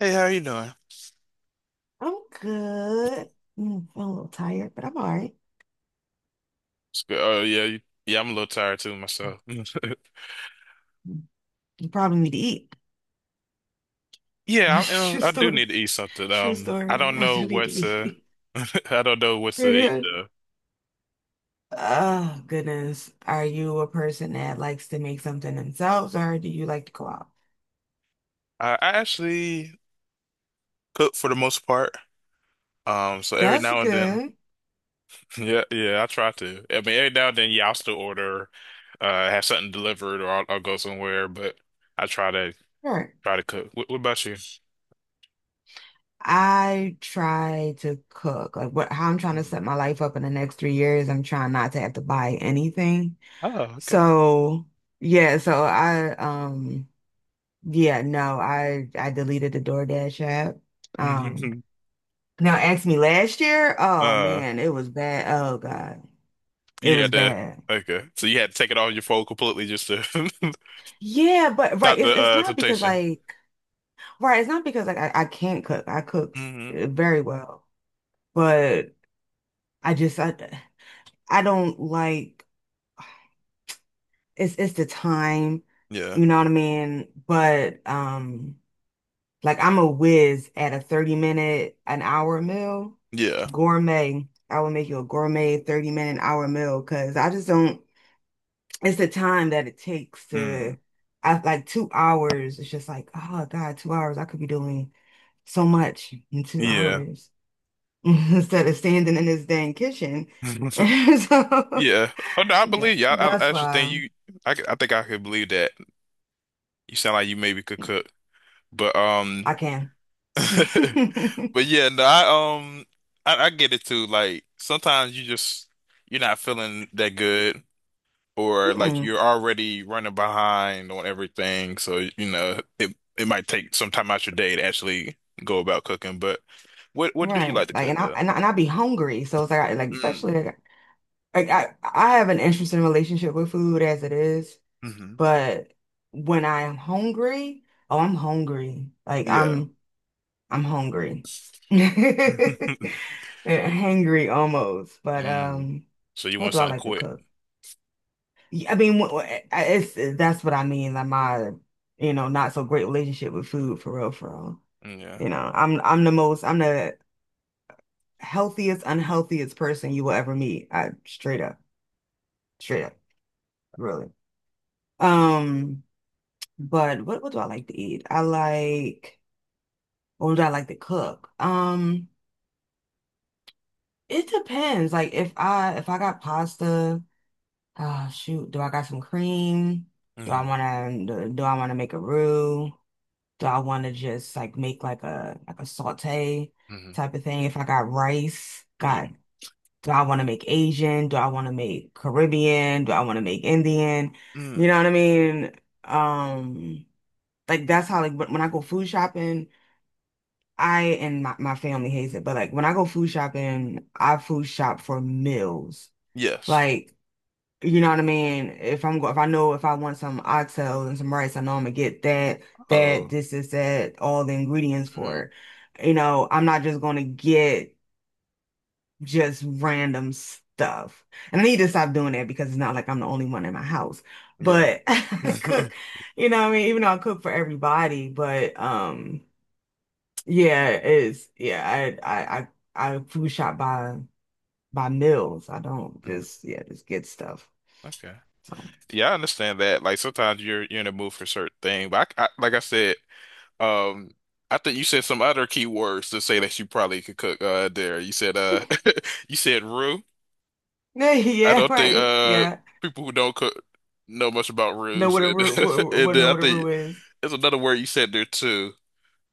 Hey, how you doing? I'm good. Mm, I'm a little tired, but I'm all right. It's good. Oh yeah, you, yeah. I'm a little tired too myself. You probably need to eat. Yeah, True I do story. need to eat something. True I story. don't I know do need what to to. eat. I don't know what to eat though. Oh, goodness. Are you a person that likes to make something themselves or do you like to go out? I actually cook for the most part. So every That's now and then, good. yeah, I try to. I mean, every now and then, yeah, I'll still order, have something delivered, or I'll go somewhere. But I try to Sure. try to cook. What about you? I try to cook. Like what, how I'm trying to Mm. set my life up in the next 3 years, I'm trying not to have to buy anything. Oh, okay. So, yeah, so I Yeah, no, I deleted the DoorDash app. Um, now ask me last year. Oh Uh, man, it was bad. Oh God, it You was had to, bad. okay. So you had to take it off your phone completely just to Yeah, but right, stop the it's not because temptation. like, right, it's not because like I can't cook. I cook Hmm. Very well, but I just I don't like, it's the time, Yeah. you know what I mean? But. Like I'm a whiz at a 30-minute, an hour meal. Yeah. Gourmet. I will make you a gourmet 30-minute, an hour meal because I just don't, it's the time that it takes Mm. to. I like 2 hours. It's just like, oh God, 2 hours. I could be doing so much in two Yeah. hours instead of standing in this dang kitchen. So Yeah. Oh no, I believe you. I, I that's actually think why you I, c- I think I could believe that. You sound like you maybe could cook. But I can. Mm-mm. but yeah, no, I get it too. Like sometimes you just you're not feeling that good or like you're already running behind on everything, so you know it might take some time out your day to actually go about cooking. But what do you Right. like to Like, cook and I, though? and I, and I be hungry. So it's like, Mm. especially like I have an interesting relationship with food as it is, Hmm. but when I am hungry, oh, I'm hungry. Yeah. I'm hungry, hangry almost. But Mm. So you what want do I something like to quick? cook? Yeah, I mean, wh- wh- I- it's that's what I mean. Like my, you know, not so great relationship with food for real, for real. Yeah. You know, I'm the healthiest, unhealthiest person you will ever meet. I straight up, really. Um. But what do I like to eat? I like, or do I like to cook? It depends. Like if I got pasta, ah shoot, do I got some cream? Mm. Do I wanna make a roux? Do I wanna just like make like a saute Hmm. type of thing? If I got rice, Yeah. God, do I wanna make Asian? Do I wanna make Caribbean? Do I wanna make Indian? You Mm. know what I mean? Um, like that's how like when I go food shopping. My family hates it, but like when I go food shopping, I food shop for meals. Yes. Like, you know what I mean? If I know if I want some oxtails and some rice, I know I'm gonna get that, that, Oh. this, that, all the ingredients Mm. for it. You know, I'm not just gonna get just random stuff. And I need to stop doing that because it's not like I'm the only one in my house. Yeah. But I cook, Mm. you know what I mean? Even though I cook for everybody, but yeah, it is. Yeah, I, I food shop by meals. I don't just yeah just get stuff. Okay. So Yeah, I understand that. Like sometimes you're in the mood for a certain thing, but I like I said. Um, I think you said some other keywords to say that you probably could cook there. You said you said roux. I yeah, don't think right. Yeah, people who don't cook know much about roux know what a and roux, and what then know I what a roux think is. there's another word you said there too.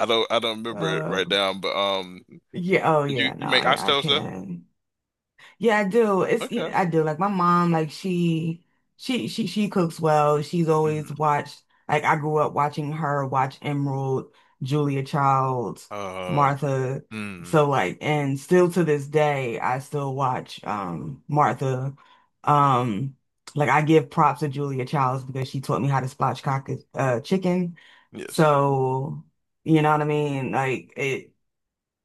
I don't remember it Uh, right now, but yeah. Oh you yeah. you No, make yeah, I oxtails though? can. Yeah, I do. It's Okay. yeah, I do. Like my mom, like she cooks well. She's Mm. always watched, like I grew up watching her watch Emerald, Julia Childs, Uh Martha. mm, So like and still to this day I still watch Martha. Um like I give props to Julia Childs because she taught me how to spatchcock chicken. yes. So you know what I mean? Like it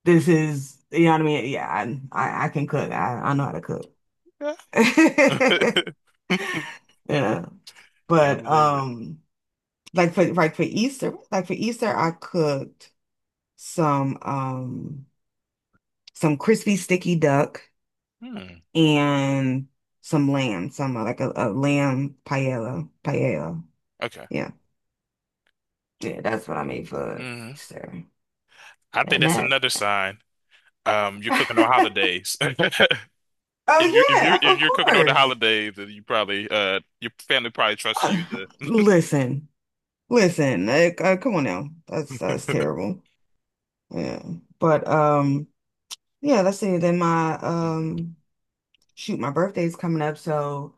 this is you know what I mean? Yeah, I can cook. I know how to cook. Yeah. Yeah. Yeah, I But believe it. Like for like for Easter I cooked some um some crispy sticky duck Hmm. and some lamb, some like a lamb paella, paella. Okay. Yeah. Yeah, that's what I made for Hmm. Easter. I think And that's that another sign. You're cooking on oh holidays. If you're if yeah, you're if of you're cooking on the course. holidays, then you probably your family probably trusts you Uh, to. Listen, listen, like, come on now. That's terrible. Yeah. But Yeah, that's it. Then my Mhm. Shoot, my birthday's coming up, so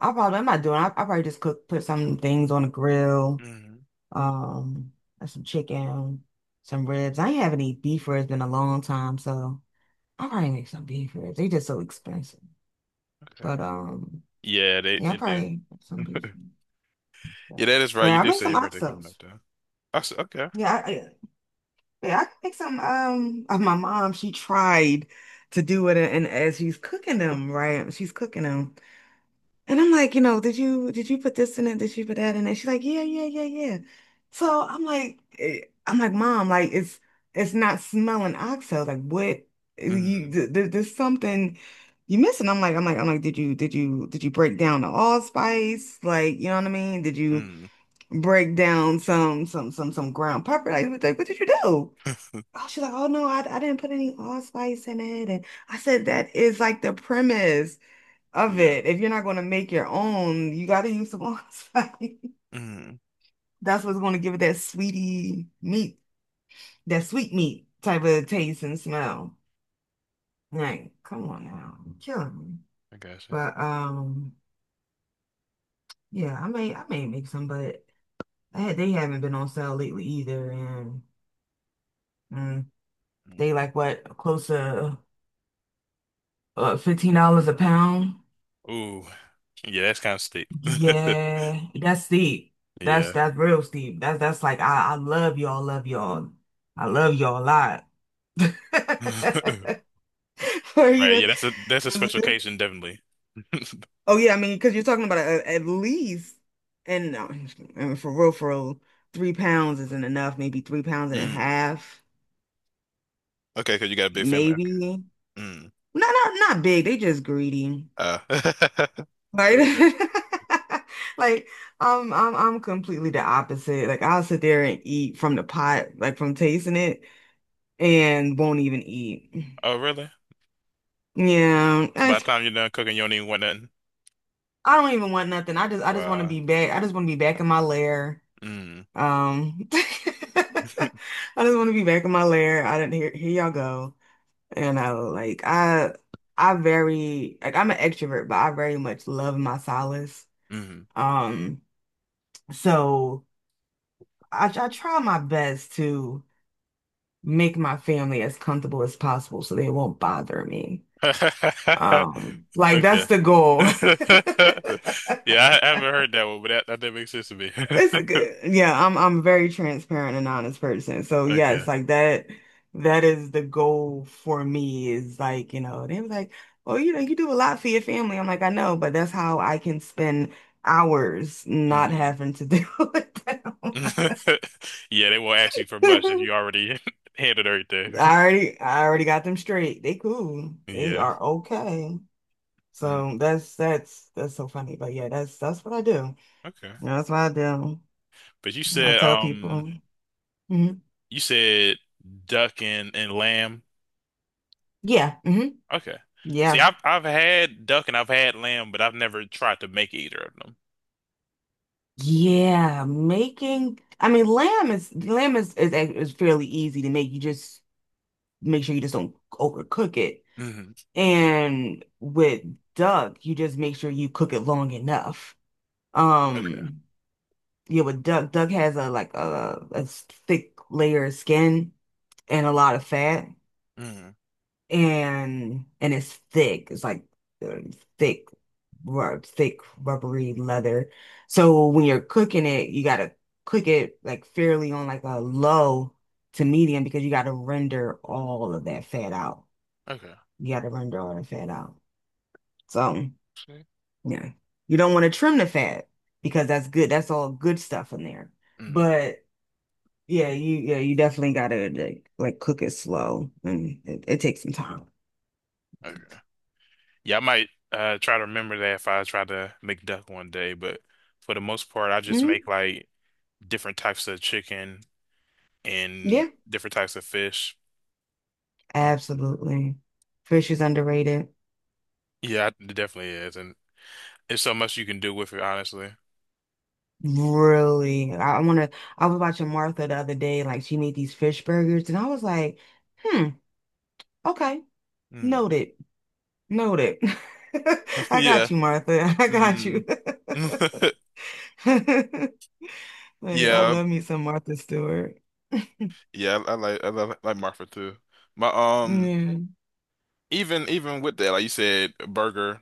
I probably I'm not doing. I probably just cook, put some things on the grill, Mhm. um, and some chicken, some ribs. I ain't have any beef ribs in a long time, so I probably make some beef ribs. They just so expensive, Okay. but Yeah, yeah, I they do. probably make some beef. Yeah, Yeah, that is but right. You I did make say some your birthday coming up oxtails. though. I said okay. Yeah, yeah, I can make some. My mom she tried to do it, and as she's cooking them, right, she's cooking them. And I'm like, you know, did you put this in it? Did you put that in it? She's like, yeah, yeah, yeah, yeah. So I'm like, Mom, like it's not smelling oxo. Like what you Mm. There's something you missing. I'm like, did you break down the allspice? Like, you know what I mean? Did you Mm. break down some ground pepper? Like, what did you do? Oh, she's like, oh no, I didn't put any allspice in it. And I said, that is like the premise of Yeah. it. If you're not going to make your own, you got to use the ones. Mm. That's what's going to give it that sweetie meat, that sweet meat type of taste and smell. Like, come on now, you're killing me. I got you. But yeah, I may make some, but I had, they haven't been on sale lately either, and mm, Mm. they like what close to $15 a pound. Ooh. Yeah, that's kind of steep. Yeah, that's steep. Yeah. That's real steep. That's like I love y'all, love y'all. I love y'all a lot. Or Right. you Yeah, just, that's a special 'cause- occasion, definitely. oh yeah, I mean, because you're talking about at least, and no, and for real, 3 pounds isn't enough. Maybe 3 pounds and a Mm. half, Okay, because you got a big family. Okay. maybe. Mm. Not big. They just greedy, Uh. right? Okay. Like I'm completely the opposite. Like I'll sit there and eat from the pot, like from tasting it, and won't even eat. Oh, really? Yeah, So by the time you're done cooking, you don't even want nothing. I don't even want nothing. I just want to Wow. be back. I just want to be back in my lair. Mm. I just want to be back in my lair. I didn't hear here y'all go. And I'm an extrovert, but I very much love my solace. Mm. Um, so I try my best to make my family as comfortable as possible so they won't bother me. Like that's Okay. the goal. Yeah, I haven't heard that one, but that makes sense to me. It's a good. Yeah, I'm a very transparent and honest person. So yes, Okay. That is the goal for me is like, you know, they was like, "Well, you know, you do a lot for your family." I'm like, "I know, but that's how I can spend hours not Mm. having to deal with them." Yeah, they won't ask you for much if you already handled everything. I already got them straight. They cool. They Yeah. are okay. Mm. So that's so funny. But yeah, that's what I do. Okay. That's what I do. But I tell people. Mhm, you said duck and lamb. yeah. Hmm. Okay. See, Yeah. I've had duck and I've had lamb, but I've never tried to make either of them. Yeah, making, I mean lamb is, is fairly easy to make. You just make sure you just don't overcook it. Hmm. And with duck, you just make sure you cook it long enough. Okay. Um, yeah, with duck, duck has a like thick layer of skin and a lot of fat, Hmm. And it's thick. It's like uh, thick. Thick, rubbery leather. So when you're cooking it, you gotta cook it like fairly on like a low to medium, because you gotta render all of that fat out. Okay. You gotta render all the fat out. So yeah, you don't want to trim the fat because that's good. That's all good stuff in there. See? But yeah, you definitely gotta like cook it slow, and it takes some time. Okay. Yeah, I might try to remember that if I try to make duck one day, but for the most part, I just Hmm. make like different types of chicken and Yeah, different types of fish. Um, absolutely. Fish is underrated. yeah, it definitely is, and there's so much you can do with it, honestly. Really, I want to. I was watching Martha the other day, like she made these fish burgers, and I was like, hmm, okay, Mm. noted, noted. I Yeah. got you, Martha. I got Mm. you. Like, I Yeah, love me some Martha Stewart. I like I love like Marfa too. My Yeah. even even with that, like you said, a burger.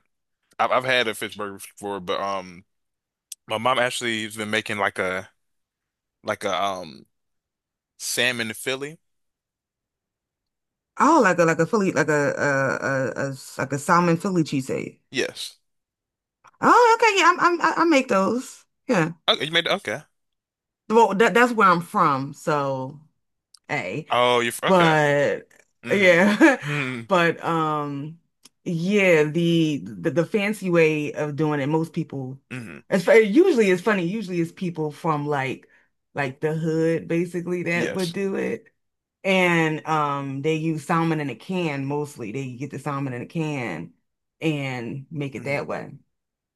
I've had a fish burger before, but my mom actually has been making like a like a Sam in Philly? Oh, like a Philly, like a like a salmon Philly cheesesteak. Yes. Oh, okay, yeah, I make those. Yeah, Okay, you made okay. well, that that's where I'm from, so hey. Oh, you're f- okay. But yeah, Mm-hmm. Mm-hmm. but yeah, the fancy way of doing it, most people, Mm-hmm. Usually it's funny. Usually it's people from like the hood basically that would Yes. do it, and they use salmon in a can mostly. They get the salmon in a can and make it Mm-hmm. that way.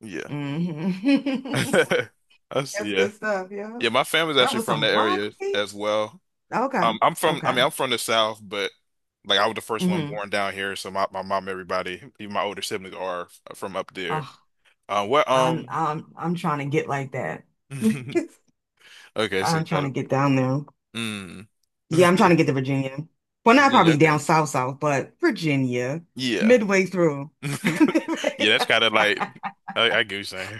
Yeah. Hmm. I That's see, yeah. good stuff. Yeah, Yeah, my family's that actually was from the some area broccoli. as well. Okay, okay. I'm from the South, but like I was the first one Hmm. born down here, so my mom, everybody, even my older siblings are from up there. What I'm I'm I'm trying to get like that. okay, so you I'm try trying to to get down there. mm. Yeah, I'm trying to get to Virginia. Well, not Virginia, probably okay. down south south, but Virginia, Yeah. midway through. Yeah, Midway, that's kind of like I get what you're saying.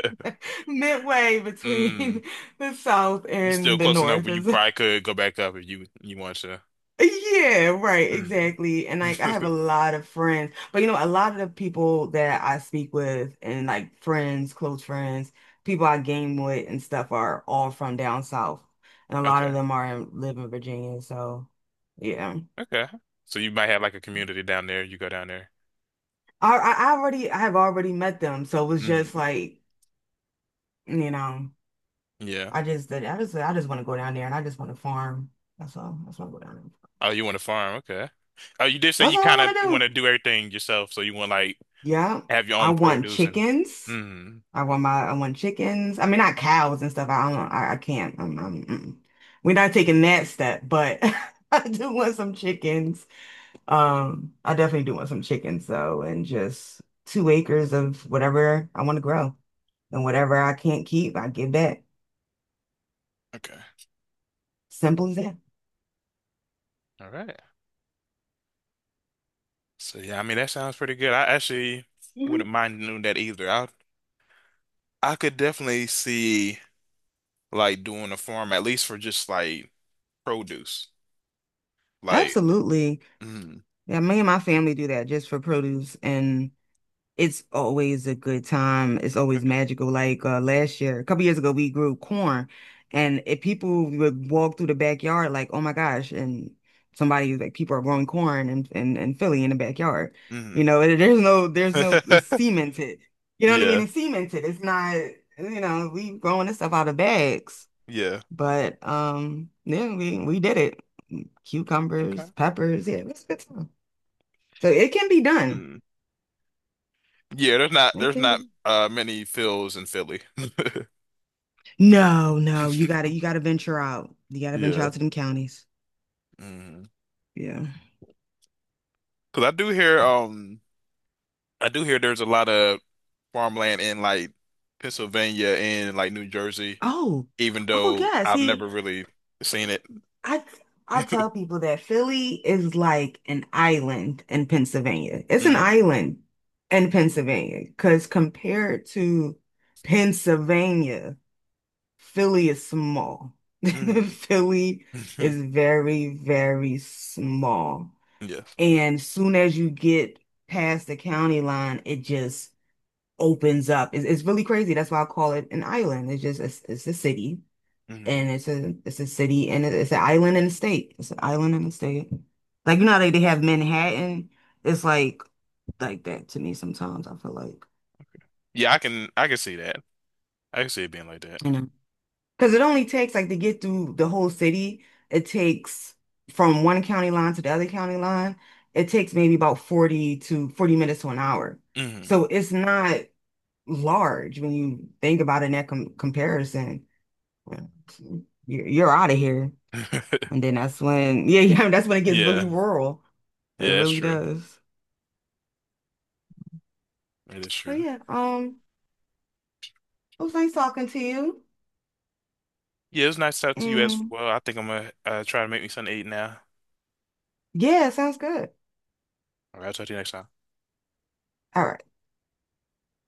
midway Mm. between the south You still and the close enough north where you is probably could go back up if you want to. yeah, right, Mm. exactly. And like I have a lot of friends, but you know, a lot of the people that I speak with and like friends, close friends, people I game with and stuff are all from down south. And a lot of Okay. them live in Virginia, so yeah. Okay. So you might have like a community down there. You go down there. I already I have already met them, so it was just Mm. like, you know, Yeah. I just did I just want to go down there and I just want to farm. That's all. That's what I go down there. Oh, you want to farm? Okay. Oh, you did say That's you all I kind want of to want do. to do everything yourself, so you want like Yeah. have your I own want produce and. chickens. Mm. I want chickens. I mean, not cows and stuff. I don't. I can't. Mm-mm. We're not taking that step, but I do want some chickens. I definitely do want some chickens though, and just 2 acres of whatever I want to grow, and whatever I can't keep, I give back. Okay. Simple as that. All right. So yeah, I mean that sounds pretty good. I actually wouldn't Mhm. mind doing that either. I could definitely see like doing a farm at least for just like produce, like. Absolutely. Mm. Yeah, me and my family do that just for produce, and it's always a good time. It's always Okay. magical. Like last year, a couple years ago, we grew corn, and if people would walk through the backyard, like, oh my gosh, and somebody was like, people are growing corn in Philly in the backyard. Hmm. You know, and there's no it's cemented. You know what I mean? Yeah. It's cemented. It's not, you know, we growing this stuff out of bags. Yeah. But yeah, we did it. Okay. Cucumbers, peppers, yeah, it was a good time. So it can be done. Hmm. Yeah, there's not It there's can not be. Many Phils in Philly. No, no, you gotta venture out. You gotta venture Yeah. out to them counties. Hmm. Yeah. Cause I do hear there's a lot of farmland in like Pennsylvania and like New Jersey, Oh, even oh though yeah. I've See, never really seen it. I I tell people that Philly is like an island in Pennsylvania. It's an Mm. island in Pennsylvania because compared to Pennsylvania, Philly is small. Mm. Philly is very, very small. Yeah. And soon as you get past the county line, it just opens up. It's really crazy. That's why I call it an island. It's just it's a city, Hmm. and it's a city, and it's an island in a state. It's an island in a state. Like you know how they have Manhattan. It's like that to me sometimes. I feel like Yeah, I can see that. I can see it being like that. you know because it only takes like to get through the whole city. It takes from one county line to the other county line. It takes maybe about 40 to 40 minutes to an hour. Hmm. So it's not large when you think about it in that comparison. Yeah. You're out of here. And then that's when, yeah, yeah, that's when it gets really Yeah. rural. It Yeah, that's really true. does. It is But true. yeah, it was nice talking to you. Yeah, it was nice to talk to you as And well. I think I'm gonna try to make me something to eat now. yeah, sounds good. All right, I'll talk to you next time. All right.